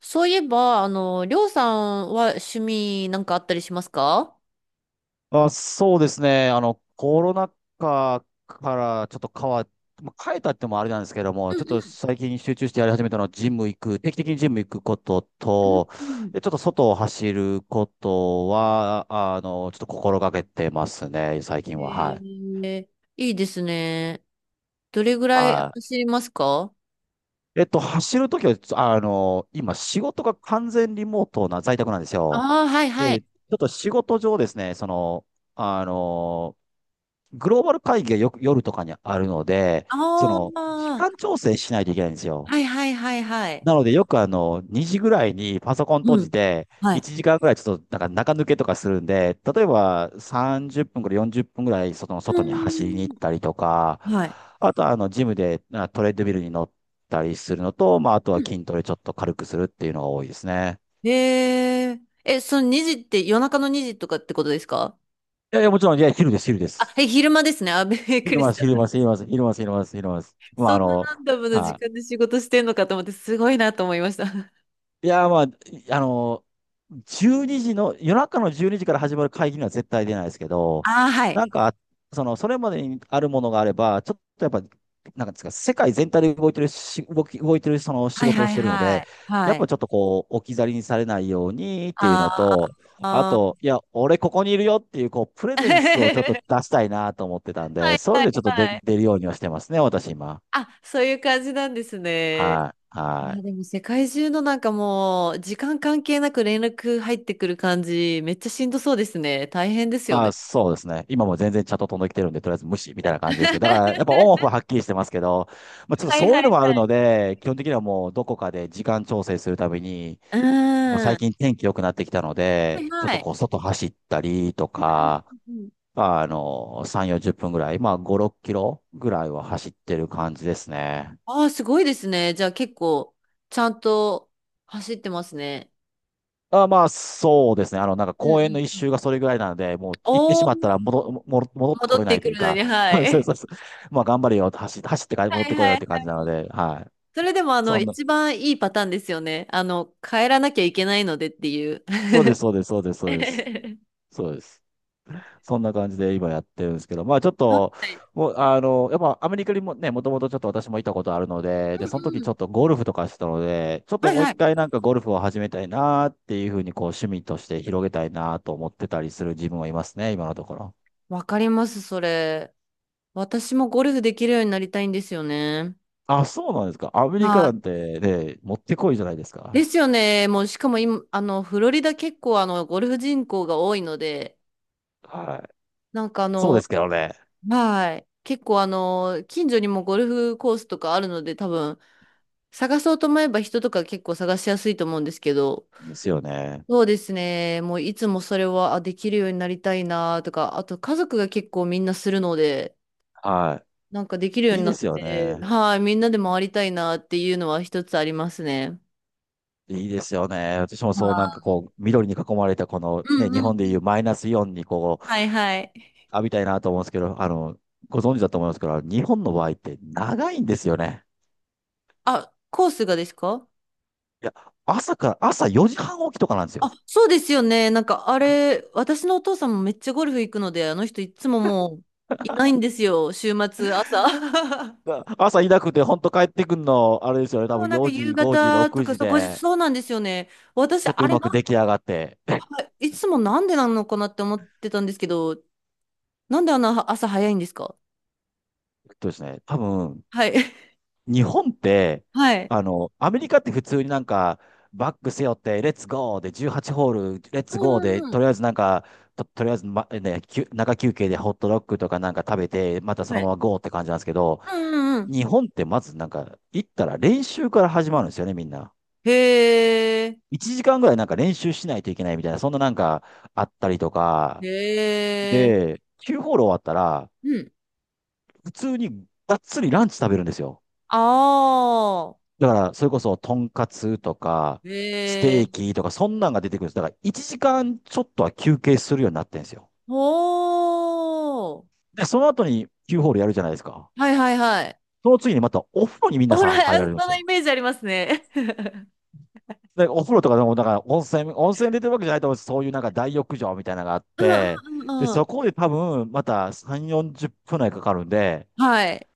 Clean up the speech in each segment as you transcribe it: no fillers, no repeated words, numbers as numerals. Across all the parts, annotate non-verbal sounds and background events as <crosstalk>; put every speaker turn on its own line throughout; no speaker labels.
そういえば、りょうさんは趣味なんかあったりしますか？
あ、そうですね。コロナ禍からちょっと変わっ、まあ、変えたってもあれなんですけども、
う
ちょっと
ん
最近集中してやり始めたのは、ジム行く、定期的にジム行くこと
うん
と、
うん
で、ちょっと外を走ることは、ちょっと心がけてますね、最
う
近は。はい。
ん。いいですね。どれぐらい
は
走りますか？
い。走るときは、今、仕事が完全リモートな在宅なんですよ。
ああー、はいは
え
い。
ーちょっと仕事上ですね、あの、グローバル会議がよく夜とかにあるので、
あ
時
あ、
間調整しないといけないんですよ。
はいはいはいはい。
なので、よく2時ぐらいにパソコン閉
う
じ
ん。
て、
はい。
1時間ぐらいちょっとなんか中抜けとかするんで、例えば30分から40分ぐらい
う
外に走りに行
ー
ったりとか、
ん。はい。
あとはジムでトレッドミルに乗ったりするのと、まあ、あと
う
は
ん。
筋トレちょっと軽くするっていうのが多いですね。
え、その2時って夜中の2時とかってことですか？
いやいや、もちろん、いや、昼です、昼で
あ、
す。
え、昼間ですね。あ、びっく
昼
り
ま
し
す、
た。
昼ます、昼ます、昼ます、昼ます、昼ます。まあ、
そんなランダムな時
はい。
間で仕事してんのかと思って、すごいなと思いました。あ
いやー、まあ、あの12時の、夜中の12時から始まる会議には絶対出ないですけど、
あ、はい。
なんか、それまでにあるものがあれば、ちょっとやっぱ、なんかですか、世界全体で動いてるし、動いてるその仕
はい
事を
は
し
い
てるの
は
で、
い。
や
は
っぱ
い。
ちょっとこう、置き去りにされないようにっていうの
あー
と、あ
あ
と、
ー。
いや、俺ここにいるよっていう、こう、プレゼンスをちょっと
<laughs>
出したいなと思ってたん
は
で、
い
そう
は
いう
い
のちょっと
はい。
出るようにはしてますね、私今。
あ、そういう感じなんですね。
はい、
あ
は
ー、で
い。
も世界中のなんかもう、時間関係なく連絡入ってくる感じ、めっちゃしんどそうですね。大変ですよ
あ、
ね。
そうですね。今も全然チャット飛んできてるんで、とりあえず無視みたいな感じですけど、だからやっぱオンオフははっきりしてますけど、まあ、ちょっと
はい
そう
はい
いう
は
のもあるの
い。
で、基本的にはもうどこかで時間調整するために、
う
まあ、
ー
最
ん。
近天気良くなってきたの
はい
で、ちょっ
は
と
い。
こう外走ったりと
うんうん
か、
うんうん。
まあの、3、40分ぐらい、まあ5、6キロぐらいは走ってる感じですね。
ああ、すごいですね。じゃあ結構、ちゃんと走ってますね。
あ、まあ、そうですね。なんか
う
公園の
ん
一
うん。
周がそれぐらいなので、もう行ってし
おー、
まったら戻って
戻
こ
っ
れな
て
いと
く
いう
るの
か、
に、
<laughs>
は
そう
い。
そうそう。まあ、頑張れよ、走ってから戻っ
はい
てこ
は
い
い
よ
は
っ
い
て感じな
は
の
い。
で、はい。
それでも
そんな、
一番いいパターンですよね。帰らなきゃいけないのでっていう。
そうです、そうです、そうです、そうです。
<laughs>
そうです。そんな感じで今やってるんですけど、まあ、ちょっと、
あ、
もう、やっぱアメリカにもね、もともとちょっと私もいたことあるので、で、その
う
時
んう
ち
ん。
ょっとゴルフとかしてたので、ちょっと
はい
もう
は
一
い。
回なんかゴルフを始めたいなっていうふうに、こう、趣味として広げたいなと思ってたりする自分はいますね、今のところ。
わかります、それ。私もゴルフできるようになりたいんですよね。
あ、そうなんですか。アメリカ
は
な
い。
んてね、持ってこいじゃないです
で
か。
すよね。もう、しかも今、フロリダ結構、ゴルフ人口が多いので、
はい。
なんかあ
そうで
の、
すけどね。
はい。結構、近所にもゴルフコースとかあるので、多分、探そうと思えば人とか結構探しやすいと思うんですけど、
ですよね。
そうですね。もういつもそれは、あ、できるようになりたいなとか、あと家族が結構みんなするので、
は
なんかできるよう
い。いい
にな
で
っ
すよ
て、
ね。
はい、みんなで回りたいなっていうのは一つありますね。
いいですよね。私もそうなんか
は
こう、緑に囲まれたこの
い。う
ね、
ん
日
うんう
本でいう
ん。
マイナスイオンにこう、
はいはい。
浴びたいなと思うんですけど、ご存知だと思いますけど、日本の場合って長いんですよね。
あ、コースがですか？
いや、朝から、朝4時半起きとかなんです
あ、
よ。
そうですよね。なんかあれ、私のお父さんもめっちゃゴルフ行くので、あの人いつももういないんですよ。週末、朝。<laughs>
だから朝いなくて、本当帰ってくんの、あれですよね。多
そう、
分
なんか
4時、
夕
5時、
方と
6
か、
時
そう、後日
で、
そうなんですよね。私、
ちょっと
あ
う
れ
まく
な、
出来上がって。
あいつもなんでなのかなって思ってたんですけど、なんであんな朝早いんですか？
えっとですね、多分
はい。<laughs>
日本って、
はい。
アメリカって普通になんか、バック背負って、レッツゴーで18ホール、レッ
う
ツ
ん
ゴーで、
うんう
と
ん。
りあえずなんか、とりあえず、ま、ね、休中休憩でホットドッグとかなんか食べて、またそ
は
のまま
い。
ゴーって感じなんですけど、
うんうんうん。
日本ってまずなんか、行ったら練習から始まるんですよね、みんな。
へえ。
1時間ぐらいなんか練習しないといけないみたいな、そんななんかあったりとか、
へえ。
で、9ホール終わったら、
うん。
普通にがっつりランチ食べるんですよ。
ああ。
だから、それこそ、とんかつとか、ス
へ
テ
え。
ーキとか、そんなんが出てくるんです。だから、1時間ちょっとは休憩するようになってんですよ。
ほー。
で、その後に Q ホールやるじゃないですか。
はいはいはい。
その次にまたお風呂にみんな
ほら、
さ、入ら
そ
れるんです
のイ
よ。
メージありますね。<laughs>
で、お風呂とかでも、だから温泉出てるわけじゃないと思うんです。そういうなんか大浴場みたいなのがあっ
うん
て、
うんう
で、
んう
そ
ん。
こで多分、また3、40分内かかるんで、
はい。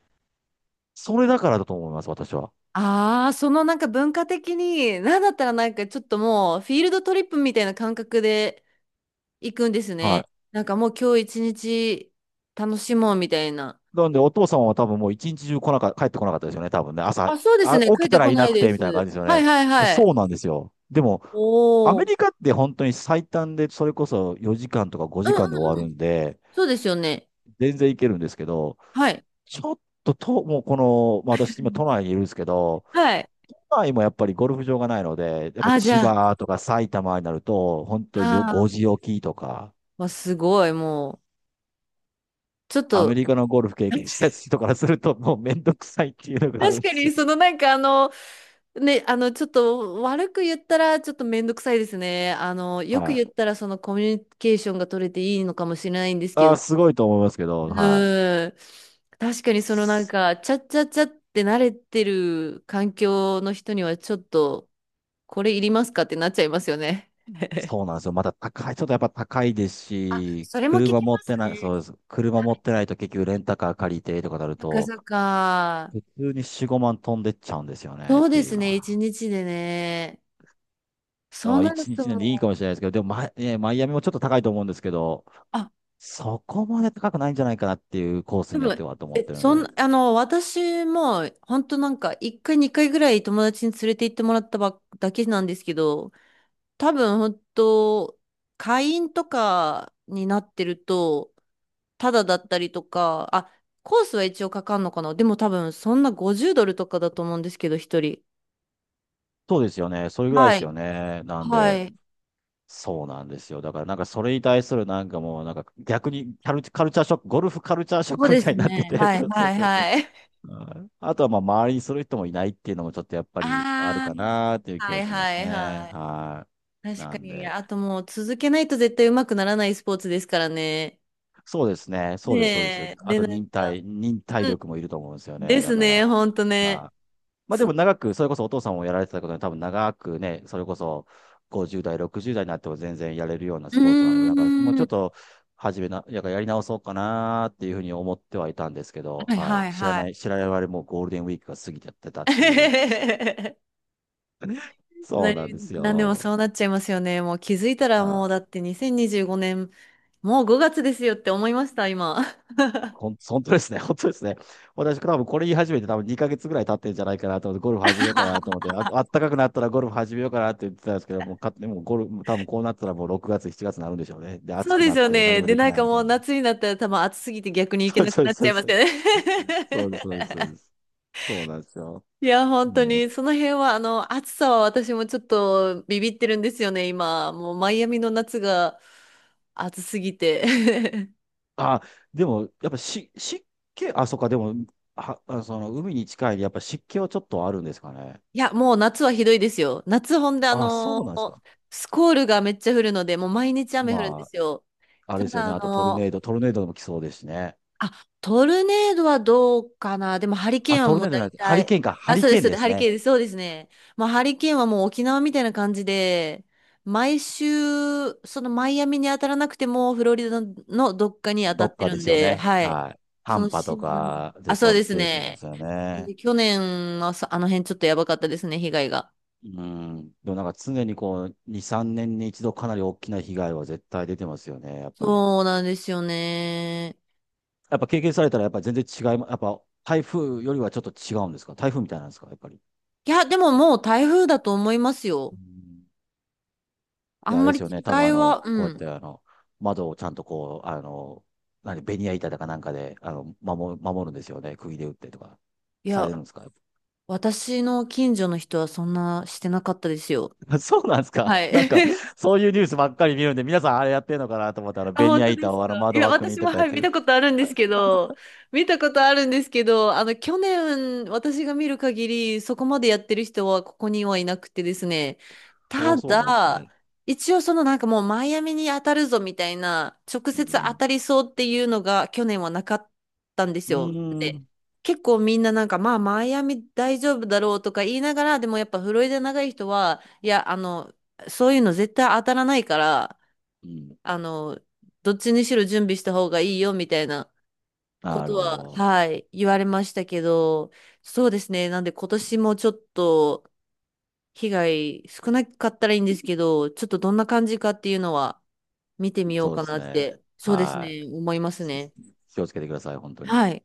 それだからだと思います、私は。
ああ、そのなんか文化的に、なんだったらなんかちょっともうフィールドトリップみたいな感覚で行くんです
は
ね。
い。
なんかもう今日一日楽しもうみたいな。
なんで、お父さんは多分もう一日中来なか、帰ってこなかったですよね、多分ね。
あ、そうですね。帰っ
起き
て
たら
こ
い
な
な
い
く
で
て、みたいな感
す。
じですよ
は
ね。
いはいはい。
そうなんですよ。でも、ア
おお。
メ
うん
リカって本当に最短で、それこそ4時間とか
う
5
ん
時間で
うん。
終わるんで、
そうですよね。
全然いけるんですけど、
はい。
ちょっと、と、もうこの、まあ、私今都内にいるんですけど、
はい。
都内もやっぱりゴルフ場がないので、やっぱ
あ、じ
千
ゃあ、
葉とか埼玉になると、本当よ5
ああ
時起きとか、
わすごい、もう、ちょっ
アメ
と、
リカのゴルフ経験した人からすると、もうめんどくさいっていうのがある
確
んで
か
す
に、
よ。
そのなんかね、ちょっと悪く言ったらちょっとめんどくさいですね。よく
はい。
言ったらそのコミュニケーションが取れていいのかもしれないんですけど、
すごいと思いますけど、はい。
うん。確かにそのなん
そ
か、ちゃっちゃっちゃって慣れてる環境の人にはちょっと、これいりますかってなっちゃいますよね。
そうなんですよ。またちょっとやっぱ高いです
<laughs> あ、
し、
それも聞
車
き
持っ
ま
て
す
ない、
ね。
そうです。車持ってないと結局レンタカー借りてとかなる
<laughs> そっか
と、
そっか。
普通に4、5万飛んでっちゃうんですよねっ
そう
て
で
いう
す
の
ね、一
は。
日でね。
だ
そ
か
う
ら
なる
1
と
日なんでいい
も
か
う、
もしれないですけど、でもねマイアミもちょっと高いと思うんですけど、
あ、
そこまで高くないんじゃないかなっていうコース
多
によって
分、
はと思っ
え、
てるの
そん、
で。
あの、私も、本当なんか、一回、二回ぐらい友達に連れて行ってもらったばっだけなんですけど、多分本当、会員とかになってると、ただだったりとか、あ、コースは一応かかんのかな。でも多分そんな50ドルとかだと思うんですけど、一人。
そうですよね。それぐらいで
は
す
い。
よね。なん
は
で。
い。
そうなんですよ。だからなんかそれに対するなんかもうなんか逆にカル、カルチャーショック、ゴルフカルチャーショッ
そう
クみ
で
た
す
いになって
ね。
て、<laughs>
はい
そうそう
はい
そう。
はい。<laughs>
はい。あとはまあ周りにする人もいないっていうのもちょっとやっぱりある
あ
かなっていう
あ、
気
は
が
い
しま
は
す
い
ね。
はい。
はい。
確
な
か
ん
に、
で。
あともう続けないと絶対上手くならないスポーツですからね。
そうですね。そうです、そうです。
ねえ、
あ
で、
と
なんか、
忍耐
うん、
力もいると思うんですよね。
です
だか
ね、
ら。
ほんとね。
はい。まあでも
う
長く、それこそお父さんをやられてたことで、多分長くね、それこそ50代、60代になっても全然やれるような
ー
スポーツなので、なんかもう
ん、
ちょっ
は
と始めな、ややり直そうかなっていうふうに思ってはいたんですけど、
い
はい。
はいはい。
知らない我々もうゴールデンウィークが過ぎちゃってたっていう。
<laughs>
<laughs> そうなんです
なんでも
よ。
そうなっちゃいますよね。もう気づいたら
は
もうだ
い。
って2025年、もう5月ですよって思いました、今。
<laughs> 本当ですね。<laughs> 本当ですね。私、多分これ言い始めて多分2ヶ月ぐらい経ってるんじゃないかなと思って、ゴルフ始めようかなと
<laughs>
思って、あったかくなったらゴルフ始めようかなって言ってたんですけど、もう勝手にもうゴルフ、多分こうなったらもう6月、7月になるんでしょうね。で、暑
そう
く
で
な
す
っ
よ
て何
ね。
も
で、
でき
なん
ない
か
み
も
た
う
いな。<laughs>
夏になったら多分暑すぎて逆に行け
そう
なく
そう
なっち
そ
ゃ
う
いま
そ
す
う。
よね。
そうです、そうです、そうです。そうなんですよ。
<laughs> いや、本当
もう、
に、その辺は、暑さは私もちょっとビビってるんですよね、今。もうマイアミの夏が暑すぎて。<laughs>
あ、でも、やっぱし、湿気、あ、そっか、でも、海に近いで、やっぱ湿気はちょっとあるんですかね。
いや、もう夏はひどいですよ。夏ほんで、
あ、そうなんですか。
スコールがめっちゃ降るので、もう毎日雨降るんで
ま
すよ。
あ、あ
た
れですよ
だ、
ね。あとトルネードも来そうですしね。
あ、トルネードはどうかな。でも、ハリケー
あ、
ンは
トル
も
ネ
う
ードじゃ
大
なくて、ハリ
体、
ケーンか、ハ
あ、
リ
そうで
ケー
す、
ン
そう
で
です、
す
ハリケ
ね。
ーンです、そうですね。まあ、ハリケーンはもう沖縄みたいな感じで、毎週、そのマイアミに当たらなくても、フロリダのどっかに当た
ど
っ
っ
て
か
る
で
ん
すよ
で、
ね。
はい。
はい。
そ
短
の
波
シ
と
ーズン、
かで、
あ、そう
その
です
ケースもで
ね。
すよ
なん
ね。
で去年はあの辺ちょっとやばかったですね、被害が。
うん。でもなんか常にこう、2、3年に一度かなり大きな被害は絶対出てますよね、やっぱり。
そうなんですよね。
やっぱ経験されたら、やっぱ全然違いま、やっぱ台風よりはちょっと違うんですか、台風みたいなんですか、やっぱり。
いや、でももう台風だと思います
う
よ。
ん。
あ
で、あ
ん
れ
ま
で
り
すよ
違
ね。多分
いは、う
こうやって
ん。
窓をちゃんとこう、何、ベニヤ板だかなんかで、守るんですよね。釘で打ってとか、
い
さ
や、
れるんですか？
私の近所の人はそんなしてなかったですよ。
<laughs> あ、そうなんですか。
はい。
なんか、
<laughs>
そういうニュースばっかり見るんで、皆さんあれやってんのかなと思ったら、
あ、
ベニ
本
ヤ
当で
板
す
をあの
か。い
窓
や、
枠に
私
と
も、
かや
は
っ
い、
て
見
る。
たことあるんですけど、見たことあるんですけど、去年、私が見る限り、そこまでやってる人はここにはいなくてですね、
お
た
ー、そうなんです
だ、
ね。
一応そのなんかもうマイアミに当たるぞみたいな、直
う
接当
ん。
たりそうっていうのが去年はなかったんです
う
よ。
ー
で、
ん。
結構みんななんか、まあ、マイアミ大丈夫だろうとか言いながら、でもやっぱフロリダ長い人は、いや、そういうの絶対当たらないから、
うん。
あの、どっちにしろ準備した方がいいよみたいなこ
な
と
るほ
は、
ど。
はい、言われましたけど、そうですね。なんで今年もちょっと被害少なかったらいいんですけど、ちょっとどんな感じかっていうのは見てみよう
そうで
かな
す
っ
ね。
て、そうです
はい。
ね、思いますね。
気をつけてください、本当に。
はい。